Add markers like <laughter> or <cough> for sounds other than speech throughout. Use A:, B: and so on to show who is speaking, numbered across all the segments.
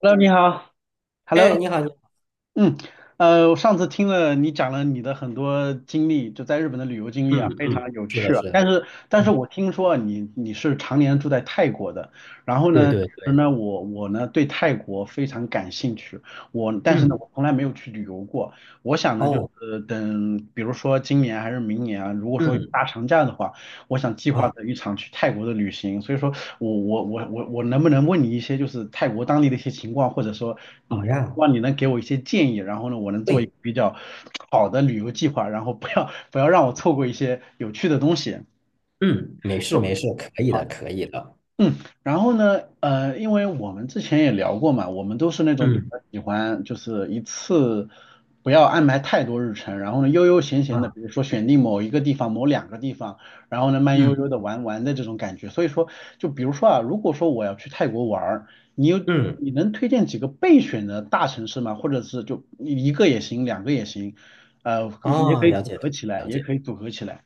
A: Hello，你好。
B: 哎，
A: Hello，
B: 你好，你好。
A: 嗯，我上次听了你讲了你的很多经历，就在日本的旅游经历啊，非常
B: 嗯，
A: 有
B: 是的，
A: 趣啊。
B: 是的。
A: 但是
B: 嗯，
A: 我听说啊你是常年住在泰国的，然后
B: 对
A: 呢，其
B: 对
A: 实
B: 对。
A: 呢，我呢对泰国非常感兴趣，但是呢，
B: 嗯
A: 我从来没有去旅游过。我想呢，就
B: 哦，
A: 是等比如说今年还是明年啊，如果说有
B: 嗯
A: 大长假的话。我想计划
B: 啊，
A: 着一场去泰国的旅行，所以说我能不能问你一些就是泰国当地的一些情况，或者说，嗯，
B: 好
A: 希
B: 呀。
A: 望你能给我一些建议，然后呢，我能做一个
B: 对，
A: 比较好的旅游计划，然后不要让我错过一些有趣的东西。
B: 嗯，没事
A: 够好。
B: 没事，可以的，可以的。
A: 嗯，然后呢，因为我们之前也聊过嘛，我们都是那种比
B: 嗯
A: 较喜欢就是一次不要安排太多日程，然后呢悠悠闲闲的，
B: 啊，
A: 比如说选定某一个地方、某两个地方，然后呢慢悠
B: 嗯
A: 悠的玩玩的这种感觉。所以说，就比如说啊，如果说我要去泰国玩儿，你有
B: 嗯，
A: 你能推荐几个备选的大城市吗？或者是就一个也行，两个也行，也
B: 哦，
A: 可以
B: 了
A: 组
B: 解了解
A: 合起来，
B: 了
A: 也
B: 解。
A: 可以组合起来。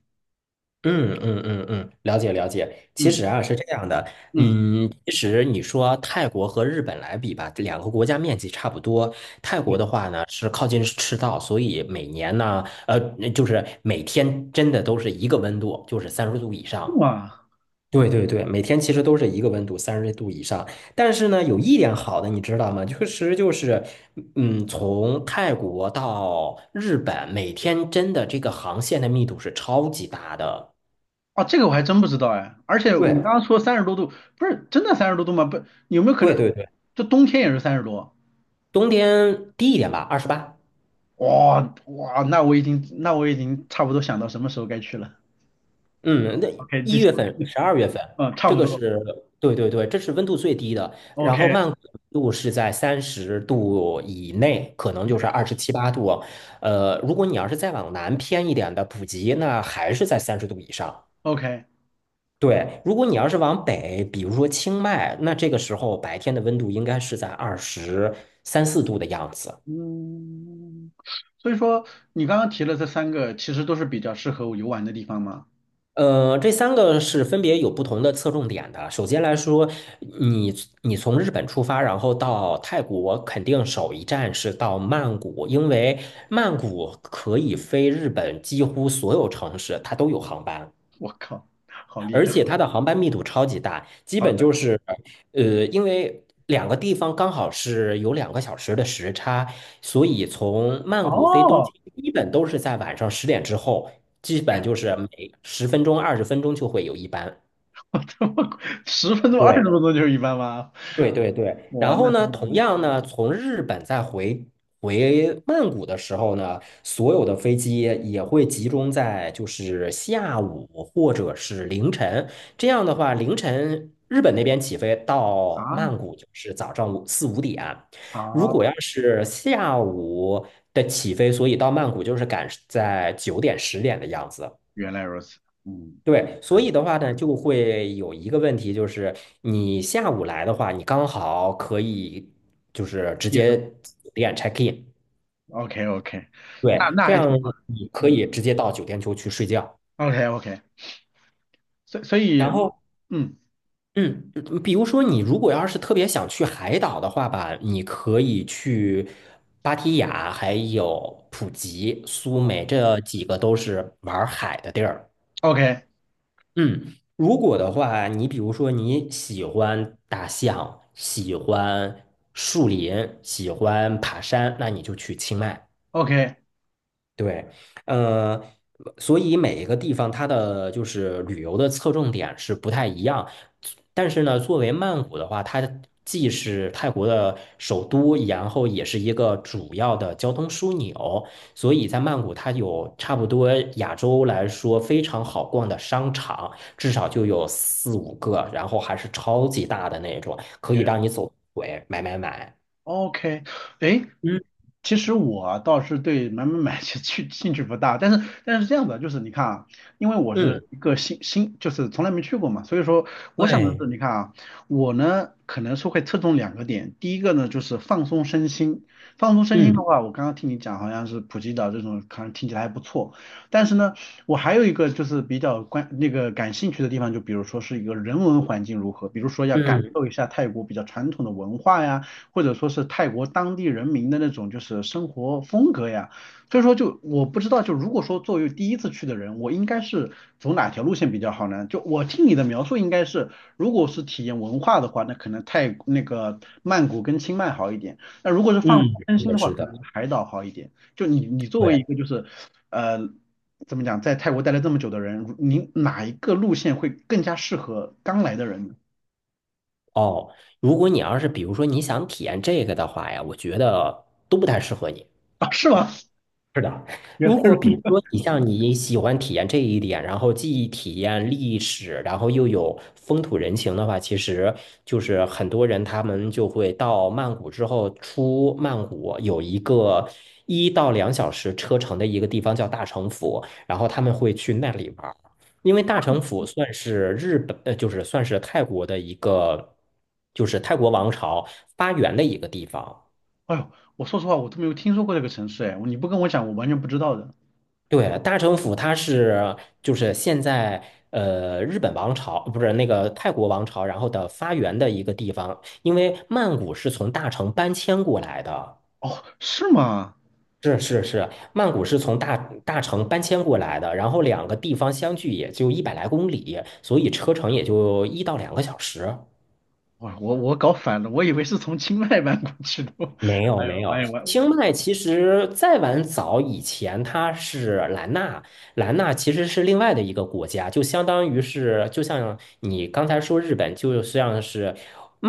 B: 嗯，了解了解。其
A: 嗯
B: 实啊是这样的。
A: 嗯，
B: 其实你说泰国和日本来比吧，这两个国家面积差不多。泰
A: 对，
B: 国的话呢是靠近赤道，所以每年呢，呃，就是每天真的都是一个温度，就是三十度以
A: 是
B: 上。
A: 吗？
B: 对对对，每天其实都是一个温度，三十度以上。但是呢，有一点好的，你知道吗？确实就是，从泰国到日本，每天真的这个航线的密度是超级大的。
A: 啊，这个我还真不知道哎。而且你刚
B: 对
A: 刚说三十多度，不是真的三十多度吗？不，有没有可
B: 对
A: 能
B: 对对，
A: 这冬天也是三十多？
B: 冬天低一点吧，28。
A: 哇哇，那我已经差不多想到什么时候该去了。
B: 嗯，那
A: OK,
B: 一
A: 继续，
B: 月份、
A: <laughs>
B: 12月份，
A: 嗯，差
B: 这
A: 不
B: 个
A: 多。
B: 是对对对，这是温度最低的。然
A: OK
B: 后慢谷的温度是在三十度以内，可能就
A: OK
B: 是二十七八度。如果你要是再往南偏一点的普吉，那还是在三十度以上。
A: OK,
B: 对，如果你要是往北，比如说清迈，那这个时候白天的温度应该是在二十三四度的样子。
A: 嗯，所以说你刚刚提了这三个，其实都是比较适合我游玩的地方吗？
B: 这三个是分别有不同的侧重点的。首先来说，你你从日本出发，然后到泰国，肯定首一站是到曼谷，因为曼谷可以飞日本几乎所有城市，它都有航班。
A: 我靠，好厉
B: 而
A: 害！
B: 且它的航班密度超级大，基
A: 好
B: 本
A: 的，
B: 就是，因为两个地方刚好是有两个小时的时差，所以从曼谷飞东
A: 哦，
B: 京，基本都是在晚上十点之后，基本
A: 然
B: 就是每十分钟、20分钟就会有一班。
A: 后这么快十分钟、二十
B: 对，
A: 分钟就是一般吗？
B: 对对对，
A: 哇，
B: 然后
A: 那真
B: 呢，同
A: 的
B: 样呢，从日本再回曼谷的时候呢，所有的飞机也会集中在就是下午或者是凌晨。这样的话，凌晨日本那边起飞到
A: 啊。
B: 曼谷就是早上五四五点，如
A: 啊，
B: 果要是下午的起飞，所以到曼谷就是赶在9点十点的样子。
A: 原来如此，嗯，
B: 对，所
A: 嗯
B: 以的话呢，就会有一个问题，就是你下午来的话，你刚好可以就是直
A: 夜
B: 接
A: 生
B: 酒店 check in。
A: o k OK,那
B: 对，
A: 那
B: 这
A: 还
B: 样
A: 挺好的，
B: 你可
A: 嗯
B: 以直接到酒店就去睡觉。
A: ，OK OK,所以所以，
B: 然后，
A: 嗯
B: 嗯比如说你如果要是特别想去海岛的话吧，你可以去芭提雅，还有普吉、苏梅，这几个都是玩海的地儿。
A: ，OK
B: 嗯，如果的话，你比如说你喜欢大象，喜欢树林，喜欢爬山，那你就去清迈。
A: OK OK，
B: 对，呃，所以每一个地方它的就是旅游的侧重点是不太一样，但是呢，作为曼谷的话，它既是泰国的首都，然后也是一个主要的交通枢纽，所以在曼谷它有差不多亚洲来说非常好逛的商场，至少就有四五个，然后还是超级大的那种，可以让你走腿买买买。
A: OK，哎，
B: 嗯
A: 其实我啊倒是对买买买其实去兴趣不大，但是这样的，就是你看啊，因为我
B: 嗯，
A: 是一个新，就是从来没去过嘛，所以说我想的是，
B: 对，
A: 你看啊，我呢可能是会侧重两个点，第一个呢就是放松身心，放松身心
B: 嗯
A: 的话，我刚刚听你讲好像是普吉岛这种，可能听起来还不错，但是呢，我还有一个就是比较那个感兴趣的地方，就比如说是一个人文环境如何，比如说要感
B: 嗯
A: 受一下泰国比较传统的文化呀。或者说是泰国当地人民的那种就是生活风格呀。所以说就我不知道，就如果说作为第一次去的人，我应该是走哪条路线比较好呢？就我听你的描述，应该是如果是体验文化的话，那可能那个曼谷跟清迈好一点。那如果是放松
B: 嗯，
A: 身
B: 是
A: 心
B: 的，
A: 的话，
B: 是
A: 可能是
B: 的。
A: 海岛好一点。就你作为
B: 对，
A: 一个就是呃怎么讲，在泰国待了这么久的人，你哪一个路线会更加适合刚来的人呢？
B: 哦，如果你要是比如说你想体验这个的话呀，我觉得都不太适合你。
A: 啊，是吗？<laughs>
B: 是的，
A: 原
B: 如
A: 来如
B: 果比如
A: 此。
B: 说你像你喜欢体验这一点，然后既体验历史，然后又有风土人情的话，其实就是很多人他们就会到曼谷之后，出曼谷有一个1到2小时车程的一个地方叫大城府，然后他们会去那里玩儿，因为大城府算是日本，就是算是泰国的一个，就是泰国王朝发源的一个地方。
A: 哎呦，我说实话，我都没有听说过这个城市，哎，你不跟我讲，我完全不知道的。
B: 对，大城府它是就是现在日本王朝不是那个泰国王朝，然后的发源的一个地方，因为曼谷是从大城搬迁过来的。
A: 哦，是吗？
B: 是是是，曼谷是从大城搬迁过来的，然后两个地方相距也就100来公里，所以车程也就1到2个小时。
A: 我搞反了，我以为是从清迈搬过去的。
B: 没
A: <laughs>
B: 有
A: 哎
B: 没
A: 呦，我
B: 有，
A: 也我
B: 清迈其实再往早以前，它是兰纳，兰纳其实是另外的一个国家，就相当于是，就像你刚才说日本，就像是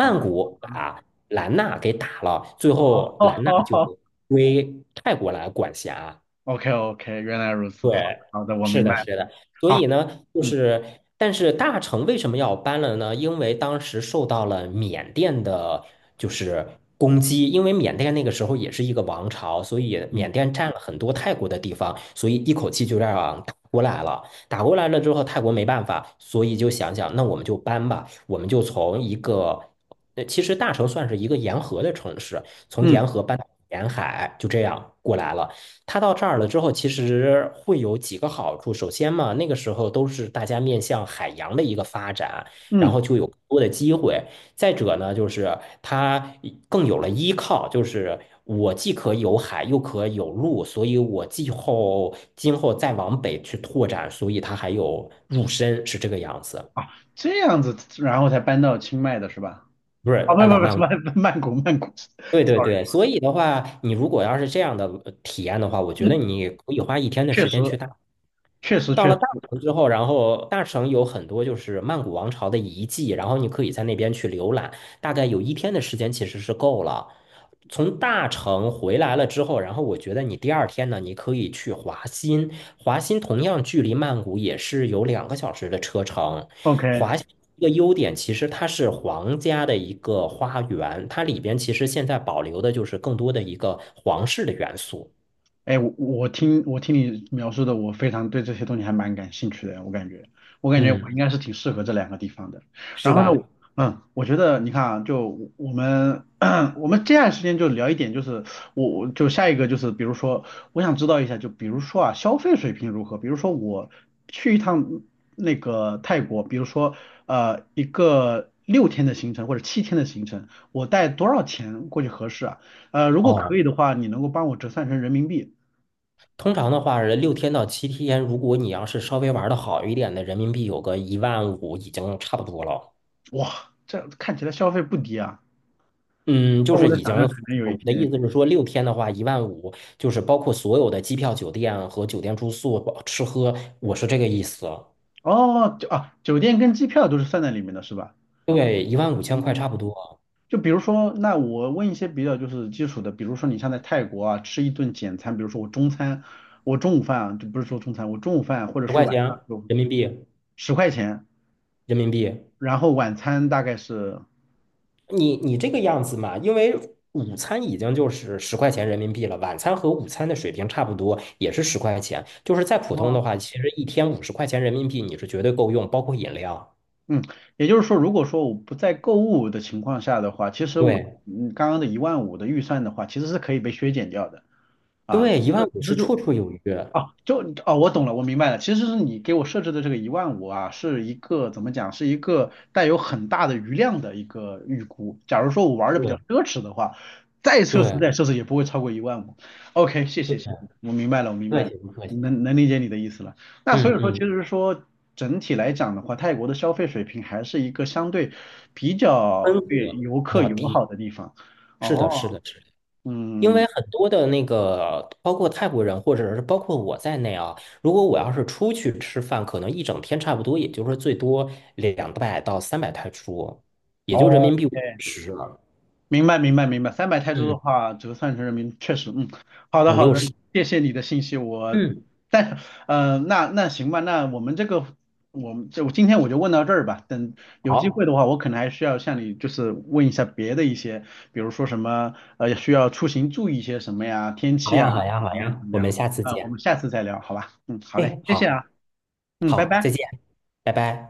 A: 啊，
B: 谷把兰纳给打了，最后兰
A: 好
B: 纳
A: 好
B: 就
A: 好
B: 归泰国来管辖。
A: ，OK OK,原来如此，
B: 对，
A: 好好的，我
B: 是
A: 明白
B: 的，是
A: 了。
B: 的，所
A: 好，
B: 以呢，就
A: 嗯
B: 是，但是大成为什么要搬了呢？因为当时受到了缅甸的，就是攻击，因为缅甸那个时候也是一个王朝，所以
A: 嗯
B: 缅甸占了很多泰国的地方，所以一口气就这样打过来了。打过来了之后，泰国没办法，所以就想想，那我们就搬吧，我们就从一个，其实大城算是一个沿河的城市，从
A: 嗯
B: 沿河搬到沿海，就这样过来了。它到这儿了之后，其实会有几个好处。首先嘛，那个时候都是大家面向海洋的一个发展，然
A: 嗯，
B: 后就有更多的机会。再者呢，就是它更有了依靠，就是我既可有海，又可有陆，所以我既后今后再往北去拓展，所以它还有入深，是这个样子，
A: 啊，这样子，然后才搬到清迈的是吧？
B: 不是
A: 啊，不
B: 半岛
A: 不不，
B: 漫
A: 什
B: 谷。
A: 么 <laughs> 曼谷曼谷
B: 对
A: <laughs>
B: 对
A: ，sorry,
B: 对，所以的话，你如果要是这样的体验的话，我觉得
A: 嗯，
B: 你可以花一天的
A: 确
B: 时
A: 实
B: 间去大
A: 确实
B: 到
A: 确
B: 了
A: 实
B: 大城之后，然后大城有很多就是曼谷王朝的遗迹，然后你可以在那边去浏览，大概有一天的时间其实是够了。从大城回来了之后，然后我觉得你第二天呢，你可以去华欣，华欣同样距离曼谷也是有两个小时的车程。
A: ，OK。
B: 华欣一个优点其实它是皇家的一个花园，它里边其实现在保留的就是更多的一个皇室的元素。
A: 哎，我听你描述的，我非常对这些东西还蛮感兴趣的。我感觉我
B: 嗯，
A: 应该是挺适合这两个地方的。
B: 是
A: 然后呢，
B: 吧？
A: 我觉得你看啊，我们 <clears throat> 我们接下来时间就聊一点，就是我就下一个就是，比如说我想知道一下，就比如说啊，消费水平如何？比如说我去一趟那个泰国，比如说一个6天的行程或者7天的行程，我带多少钱过去合适啊？如果
B: 哦。
A: 可以的话，你能够帮我折算成人民币？
B: 通常的话是六天到7天，如果你要是稍微玩的好一点的，人民币有个一万五已经差不多了。
A: 哇，这看起来消费不低啊。
B: 嗯，就
A: 那
B: 是
A: 我在
B: 已
A: 想
B: 经，
A: 象可能有一
B: 我的
A: 天，
B: 意思是说，六天的话，一万五，就是包括所有的机票、酒店和酒店住宿、包吃喝，我是这个意思。
A: 哦，就啊，酒店跟机票都是算在里面的，是吧？
B: 对，1万5千块差不
A: 嗯，
B: 多，
A: 就比如说，那我问一些比较就是基础的，比如说你像在泰国啊，吃一顿简餐，比如说我中餐，我中午饭啊，就不是说中餐，我中午饭或者
B: 十
A: 是
B: 块
A: 晚
B: 钱
A: 上有
B: 人民币，
A: 10块钱，
B: 人民币。
A: 然后晚餐大概是，
B: 你这个样子嘛，因为午餐已经就是十块钱人民币了，晚餐和午餐的水平差不多，也是十块钱。就是再普通
A: 哦，
B: 的话，其实一天50块钱人民币你是绝对够用，包括饮料。
A: 嗯，也就是说，如果说我不在购物的情况下的话，其实
B: 对
A: 刚刚的一万五的预算的话，其实是可以被削减掉的啊，
B: 对，一万
A: 这
B: 五
A: 这
B: 是
A: 就
B: 绰绰有余。
A: 哦，就哦，我懂了，我明白了。其实是你给我设置的这个一万五啊，是一个怎么讲，是一个带有很大的余量的一个预估。假如说我玩的比较
B: 对
A: 奢侈的话，再奢侈
B: 对
A: 再奢侈也不会超过一万五。OK,谢
B: 对，
A: 谢谢谢，我明白了，我明白
B: 客
A: 了，
B: 气不客气？
A: 能理解你的意思了。那所
B: 嗯
A: 以说，其
B: 嗯，
A: 实说整体来讲的话，泰国的消费水平还是一个相对比
B: 分
A: 较对
B: 格
A: 游客
B: 要
A: 友
B: 低。
A: 好的地方。
B: 是的，是
A: 哦，
B: 的，是的。因
A: 嗯，
B: 为很多的那个，包括泰国人或者是包括我在内啊，如果我要是出去吃饭，可能一整天差不多，也就是最多200到300泰铢，也就人
A: 哦。
B: 民币五十，
A: 明白，明白，明白。300泰铢的
B: 嗯，
A: 话，折算成人民币，确实，嗯，好的，
B: 五
A: 好
B: 六
A: 的，
B: 十。
A: 谢谢你的信息。我，
B: 嗯，
A: 但是，那行吧，那我们这个，我们就今天我就问到这儿吧。等有机会
B: 好，
A: 的话，我可能还需要向你就是问一下别的一些，比如说什么，需要出行注意一些什么呀，天
B: 好
A: 气啊，
B: 呀，好呀，好
A: 怎么样怎
B: 呀，
A: 么
B: 我
A: 样？
B: 们下次
A: 啊，我
B: 见。
A: 们下次再聊，好吧？嗯，好嘞，
B: 哎，
A: 谢谢
B: 好，
A: 啊，嗯，拜
B: 好，再
A: 拜。
B: 见，拜拜。